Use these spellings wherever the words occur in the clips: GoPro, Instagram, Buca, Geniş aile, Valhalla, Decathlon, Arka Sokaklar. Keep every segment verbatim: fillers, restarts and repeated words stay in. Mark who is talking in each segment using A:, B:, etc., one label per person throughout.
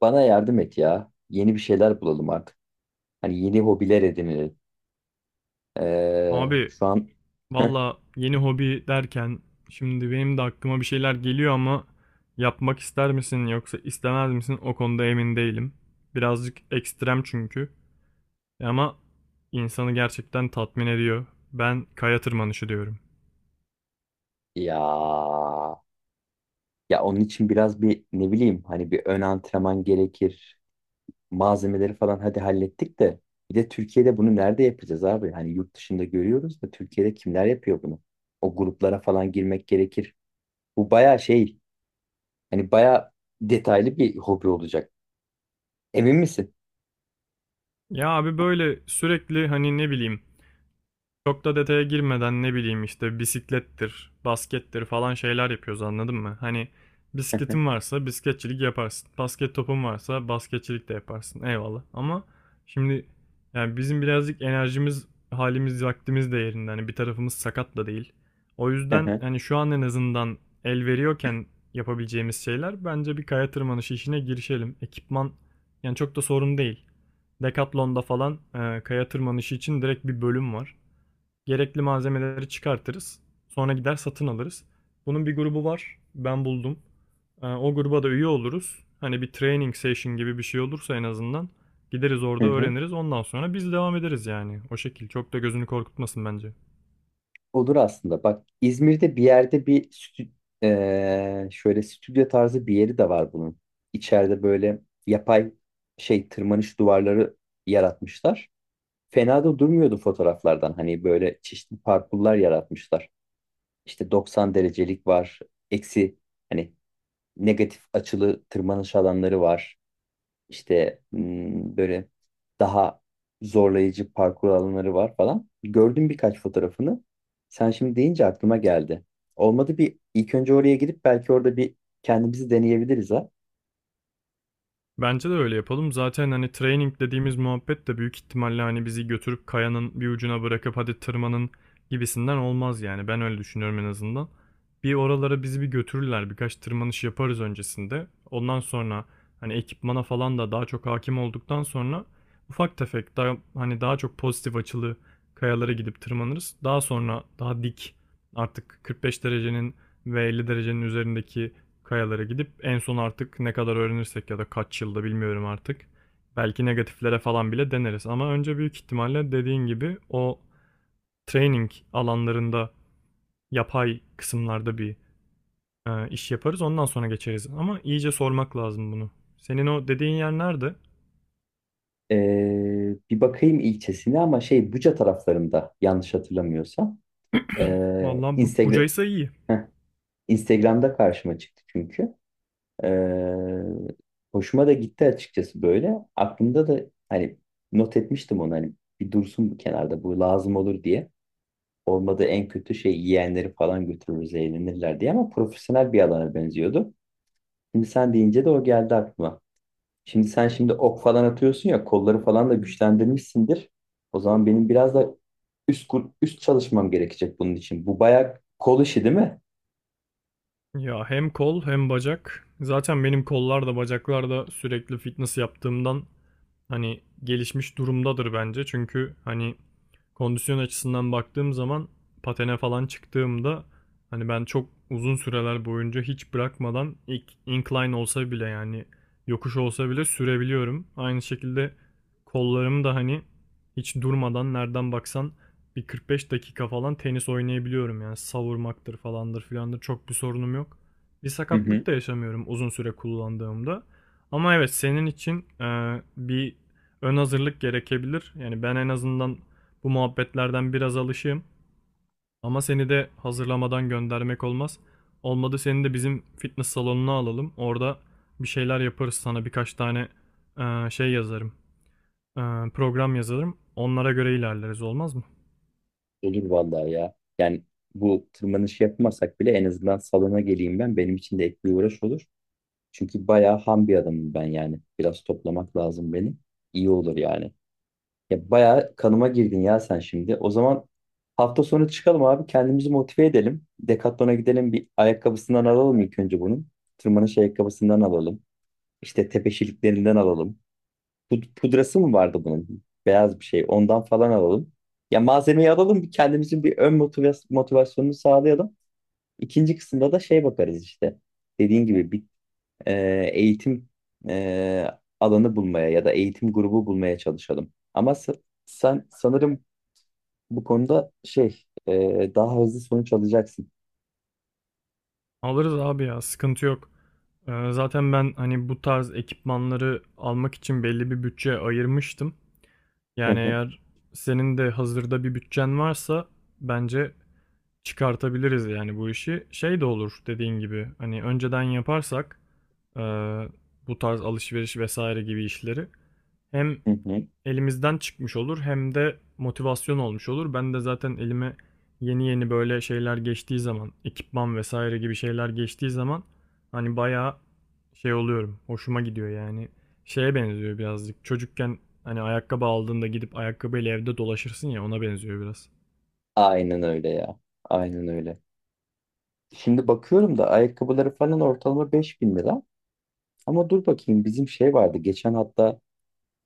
A: Bana yardım et ya. Yeni bir şeyler bulalım artık. Hani yeni hobiler edinelim. Ee,
B: Abi,
A: şu an,
B: valla yeni hobi derken şimdi benim de aklıma bir şeyler geliyor ama yapmak ister misin yoksa istemez misin o konuda emin değilim. Birazcık ekstrem çünkü E ama insanı gerçekten tatmin ediyor. Ben kaya tırmanışı diyorum.
A: ya ya onun için biraz bir, ne bileyim, hani bir ön antrenman gerekir. Malzemeleri falan hadi hallettik de bir de Türkiye'de bunu nerede yapacağız abi? Hani yurt dışında görüyoruz da Türkiye'de kimler yapıyor bunu? O gruplara falan girmek gerekir. Bu baya şey, hani baya detaylı bir hobi olacak. Emin misin?
B: Ya abi, böyle sürekli hani ne bileyim. Çok da detaya girmeden ne bileyim işte bisiklettir, baskettir falan şeyler yapıyoruz, anladın mı? Hani bisikletin varsa bisikletçilik yaparsın. Basket topun varsa basketçilik de yaparsın. Eyvallah. Ama şimdi yani bizim birazcık enerjimiz, halimiz, vaktimiz de yerinde. Hani bir tarafımız sakat da değil. O yüzden hani şu an en azından el veriyorken yapabileceğimiz şeyler, bence bir kaya tırmanışı işine girişelim. Ekipman yani çok da sorun değil. Decathlon'da falan e, kaya tırmanışı için direkt bir bölüm var. Gerekli malzemeleri çıkartırız. Sonra gider satın alırız. Bunun bir grubu var. Ben buldum. Ee, O gruba da üye oluruz. Hani bir training session gibi bir şey olursa en azından gideriz orada öğreniriz. Ondan sonra biz devam ederiz yani. O şekil. Çok da gözünü korkutmasın bence.
A: Olur aslında. Bak İzmir'de bir yerde bir stü- eee, şöyle stüdyo tarzı bir yeri de var bunun. İçeride böyle yapay şey tırmanış duvarları yaratmışlar. Fena da durmuyordu fotoğraflardan. Hani böyle çeşitli parkurlar yaratmışlar. İşte doksan derecelik var. Eksi, hani negatif açılı tırmanış alanları var. İşte hmm, böyle daha zorlayıcı parkur alanları var falan. Gördüm birkaç fotoğrafını. Sen şimdi deyince aklıma geldi. Olmadı bir ilk önce oraya gidip belki orada bir kendimizi deneyebiliriz ha.
B: Bence de öyle yapalım. Zaten hani training dediğimiz muhabbet de büyük ihtimalle hani bizi götürüp kayanın bir ucuna bırakıp hadi tırmanın gibisinden olmaz yani. Ben öyle düşünüyorum en azından. Bir oralara bizi bir götürürler. Birkaç tırmanış yaparız öncesinde. Ondan sonra hani ekipmana falan da daha çok hakim olduktan sonra ufak tefek daha hani daha çok pozitif açılı kayalara gidip tırmanırız. Daha sonra daha dik artık kırk beş derecenin ve elli derecenin üzerindeki kayalara gidip en son artık ne kadar öğrenirsek ya da kaç yılda bilmiyorum artık. Belki negatiflere falan bile deneriz ama önce büyük ihtimalle dediğin gibi o training alanlarında yapay kısımlarda bir e, iş yaparız, ondan sonra geçeriz ama iyice sormak lazım bunu. Senin o dediğin yer nerede?
A: Ee, bir bakayım ilçesine ama şey Buca taraflarında yanlış hatırlamıyorsam. Ee,
B: Vallahi bu,
A: Instagram
B: bucaysa iyi.
A: Heh, Instagram'da karşıma çıktı çünkü. Ee, Hoşuma da gitti açıkçası böyle. Aklımda da hani not etmiştim onu, hani bir dursun bu kenarda, bu lazım olur diye. Olmadı en kötü şey yiyenleri falan götürürüz eğlenirler diye, ama profesyonel bir alana benziyordu. Şimdi sen deyince de o geldi aklıma. Şimdi sen şimdi ok falan atıyorsun ya, kolları falan da güçlendirmişsindir. O zaman benim biraz da üst kur- üst çalışmam gerekecek bunun için. Bu bayağı kol işi değil mi?
B: Ya hem kol hem bacak. Zaten benim kollar da bacaklar da sürekli fitness yaptığımdan hani gelişmiş durumdadır bence. Çünkü hani kondisyon açısından baktığım zaman patene falan çıktığımda hani ben çok uzun süreler boyunca hiç bırakmadan ilk incline olsa bile yani yokuş olsa bile sürebiliyorum. Aynı şekilde kollarım da hani hiç durmadan nereden baksan bir kırk beş dakika falan tenis oynayabiliyorum yani savurmaktır falandır filandır çok bir sorunum yok. Bir
A: Hı hı.
B: sakatlık da yaşamıyorum uzun süre kullandığımda. Ama evet, senin için e, bir ön hazırlık gerekebilir. Yani ben en azından bu muhabbetlerden biraz alışığım. Ama seni de hazırlamadan göndermek olmaz. Olmadı seni de bizim fitness salonuna alalım. Orada bir şeyler yaparız, sana birkaç tane eee, şey yazarım. Eee, program yazarım. Onlara göre ilerleriz, olmaz mı?
A: Olur vallahi ya. Yani bu tırmanış yapmasak bile en azından salona geleyim ben. Benim için de ek bir uğraş olur. Çünkü bayağı ham bir adamım ben yani. Biraz toplamak lazım beni. İyi olur yani. Ya bayağı kanıma girdin ya sen şimdi. O zaman hafta sonu çıkalım abi. Kendimizi motive edelim. Decathlon'a gidelim. Bir ayakkabısından alalım ilk önce bunun. Tırmanış ayakkabısından alalım. İşte tepeşiliklerinden alalım. Pud- pudrası mı vardı bunun? Beyaz bir şey. Ondan falan alalım. Ya malzemeyi alalım, bir kendimizin bir ön motivas- motivasyonunu sağlayalım. İkinci kısımda da şey bakarız işte. Dediğin gibi bir e, eğitim e, alanı bulmaya ya da eğitim grubu bulmaya çalışalım. Ama sa- sen sanırım bu konuda şey, e, daha hızlı sonuç alacaksın.
B: Alırız abi ya, sıkıntı yok. Eee, zaten ben hani bu tarz ekipmanları almak için belli bir bütçe ayırmıştım.
A: Hı
B: Yani
A: hı,
B: eğer senin de hazırda bir bütçen varsa bence çıkartabiliriz yani bu işi. Şey de olur dediğin gibi, hani önceden yaparsak e, bu tarz alışveriş vesaire gibi işleri hem
A: hı hı.
B: elimizden çıkmış olur hem de motivasyon olmuş olur. Ben de zaten elime yeni yeni böyle şeyler geçtiği zaman, ekipman vesaire gibi şeyler geçtiği zaman, hani bayağı şey oluyorum. Hoşuma gidiyor yani. Şeye benziyor birazcık. Çocukken hani ayakkabı aldığında gidip ayakkabıyla evde dolaşırsın ya, ona benziyor biraz.
A: Aynen öyle ya. Aynen öyle. Şimdi bakıyorum da ayakkabıları falan ortalama beş bin lira. Ama dur bakayım bizim şey vardı geçen hatta.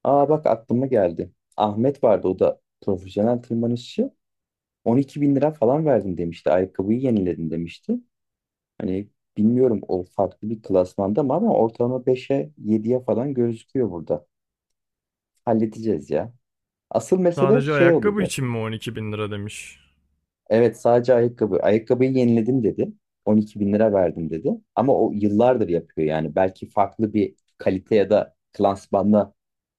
A: Aa bak aklıma geldi. Ahmet vardı, o da profesyonel tırmanışçı. on iki bin lira falan verdim demişti. Ayakkabıyı yeniledim demişti. Hani bilmiyorum o farklı bir klasmanda mı, ama ortalama beşe yediye falan gözüküyor burada. Halledeceğiz ya. Asıl mesele
B: Sadece
A: şey
B: ayakkabı
A: olacak.
B: için mi on iki bin lira demiş?
A: Evet, sadece ayakkabı. Ayakkabıyı yeniledim dedi. on iki bin lira verdim dedi. Ama o yıllardır yapıyor yani. Belki farklı bir kalite ya da klasmanda.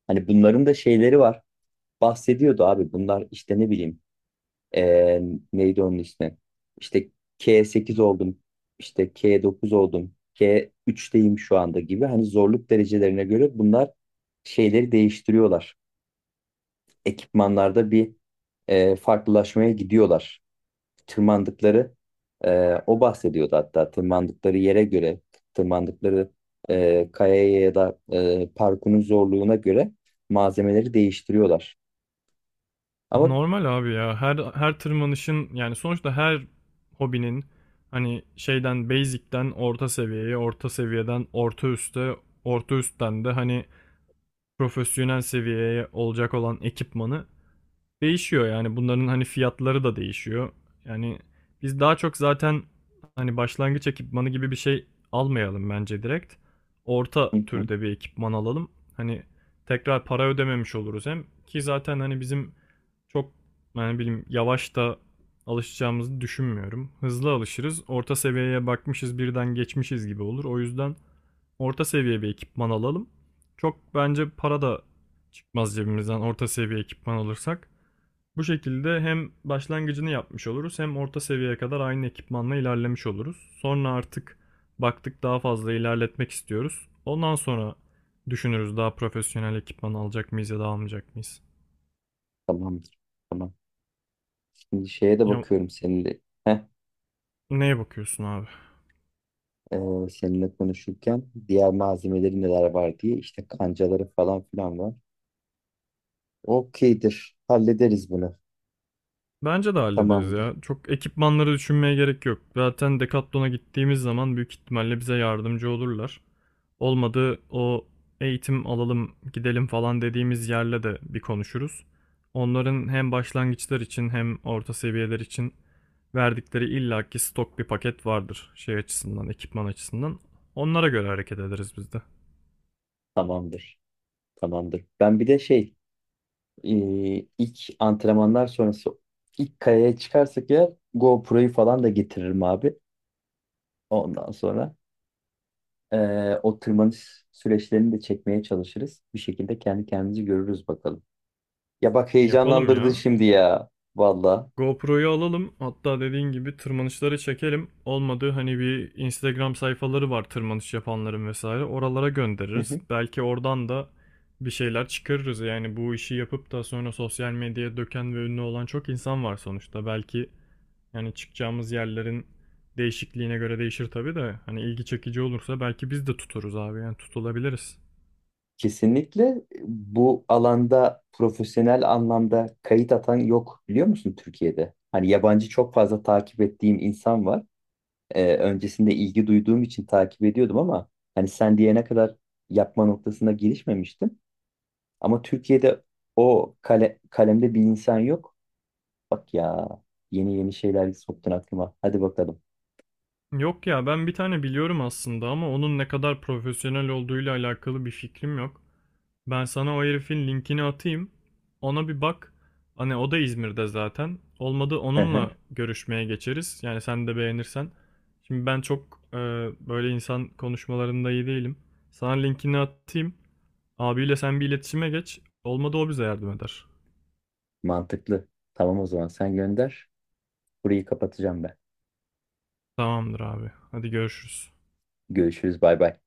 A: Hani bunların da şeyleri var. Bahsediyordu abi bunlar, işte ne bileyim, eee, neydi onun ismi, işte K sekiz oldum, işte K dokuz oldum, K üçteyim şu anda gibi. Hani zorluk derecelerine göre bunlar şeyleri değiştiriyorlar, ekipmanlarda bir eee, farklılaşmaya gidiyorlar. Tırmandıkları, eee, o bahsediyordu hatta, tırmandıkları yere göre tırmandıkları eee, kayaya ya da eee, parkurun zorluğuna göre malzemeleri değiştiriyorlar, ama.
B: Normal abi ya. Her her tırmanışın yani sonuçta her hobinin hani şeyden basic'ten orta seviyeye, orta seviyeden orta üste, orta üstten de hani profesyonel seviyeye olacak olan ekipmanı değişiyor yani, bunların hani fiyatları da değişiyor. Yani biz daha çok zaten hani başlangıç ekipmanı gibi bir şey almayalım bence direkt. Orta
A: Hı hı.
B: türde bir ekipman alalım. Hani tekrar para ödememiş oluruz hem, ki zaten hani bizim çok yani bilim yavaş da alışacağımızı düşünmüyorum. Hızlı alışırız. Orta seviyeye bakmışız birden geçmişiz gibi olur. O yüzden orta seviye bir ekipman alalım. Çok bence para da çıkmaz cebimizden orta seviye ekipman alırsak. Bu şekilde hem başlangıcını yapmış oluruz hem orta seviyeye kadar aynı ekipmanla ilerlemiş oluruz. Sonra artık baktık daha fazla ilerletmek istiyoruz, ondan sonra düşünürüz daha profesyonel ekipman alacak mıyız ya da almayacak mıyız.
A: Tamamdır. Tamam. Şimdi şeye de
B: Ya
A: bakıyorum seninle. Heh,
B: neye bakıyorsun abi?
A: e, seninle konuşurken diğer malzemeleri neler var diye, işte kancaları falan filan var. Okeydir. Hallederiz bunu.
B: Bence de hallederiz
A: Tamamdır.
B: ya. Çok ekipmanları düşünmeye gerek yok. Zaten Decathlon'a gittiğimiz zaman büyük ihtimalle bize yardımcı olurlar. Olmadı o eğitim alalım gidelim falan dediğimiz yerle de bir konuşuruz. Onların hem başlangıçlar için hem orta seviyeler için verdikleri illaki stok bir paket vardır şey açısından, ekipman açısından. Onlara göre hareket ederiz biz de.
A: Tamamdır. Tamamdır. Ben bir de şey, e, ilk antrenmanlar sonrası ilk kayaya çıkarsak ya, GoPro'yu falan da getiririm abi. Ondan sonra e, o tırmanış süreçlerini de çekmeye çalışırız. Bir şekilde kendi kendimizi görürüz bakalım. Ya bak
B: Yapalım
A: heyecanlandırdın
B: ya.
A: şimdi ya. Valla.
B: GoPro'yu alalım. Hatta dediğin gibi tırmanışları çekelim. Olmadı hani bir Instagram sayfaları var tırmanış yapanların vesaire. Oralara
A: Hı
B: göndeririz.
A: hı.
B: Belki oradan da bir şeyler çıkarırız. Yani bu işi yapıp da sonra sosyal medyaya döken ve ünlü olan çok insan var sonuçta. Belki yani çıkacağımız yerlerin değişikliğine göre değişir tabii de hani ilgi çekici olursa belki biz de tuturuz abi. Yani tutulabiliriz.
A: Kesinlikle bu alanda profesyonel anlamda kayıt atan yok biliyor musun Türkiye'de? Hani yabancı çok fazla takip ettiğim insan var. Ee, öncesinde ilgi duyduğum için takip ediyordum, ama hani sen diyene kadar yapma noktasına girişmemiştim. Ama Türkiye'de o kale, kalemde bir insan yok. Bak ya, yeni yeni şeyler soktun aklıma. Hadi bakalım.
B: Yok ya, ben bir tane biliyorum aslında ama onun ne kadar profesyonel olduğuyla alakalı bir fikrim yok. Ben sana o herifin linkini atayım. Ona bir bak. Hani o da İzmir'de zaten. Olmadı
A: Hı hı.
B: onunla görüşmeye geçeriz. Yani sen de beğenirsen. Şimdi ben çok e, böyle insan konuşmalarında iyi değilim. Sana linkini atayım. Abiyle sen bir iletişime geç. Olmadı o bize yardım eder.
A: Mantıklı. Tamam, o zaman sen gönder. Burayı kapatacağım ben.
B: Tamamdır abi. Hadi görüşürüz.
A: Görüşürüz. Bay bay.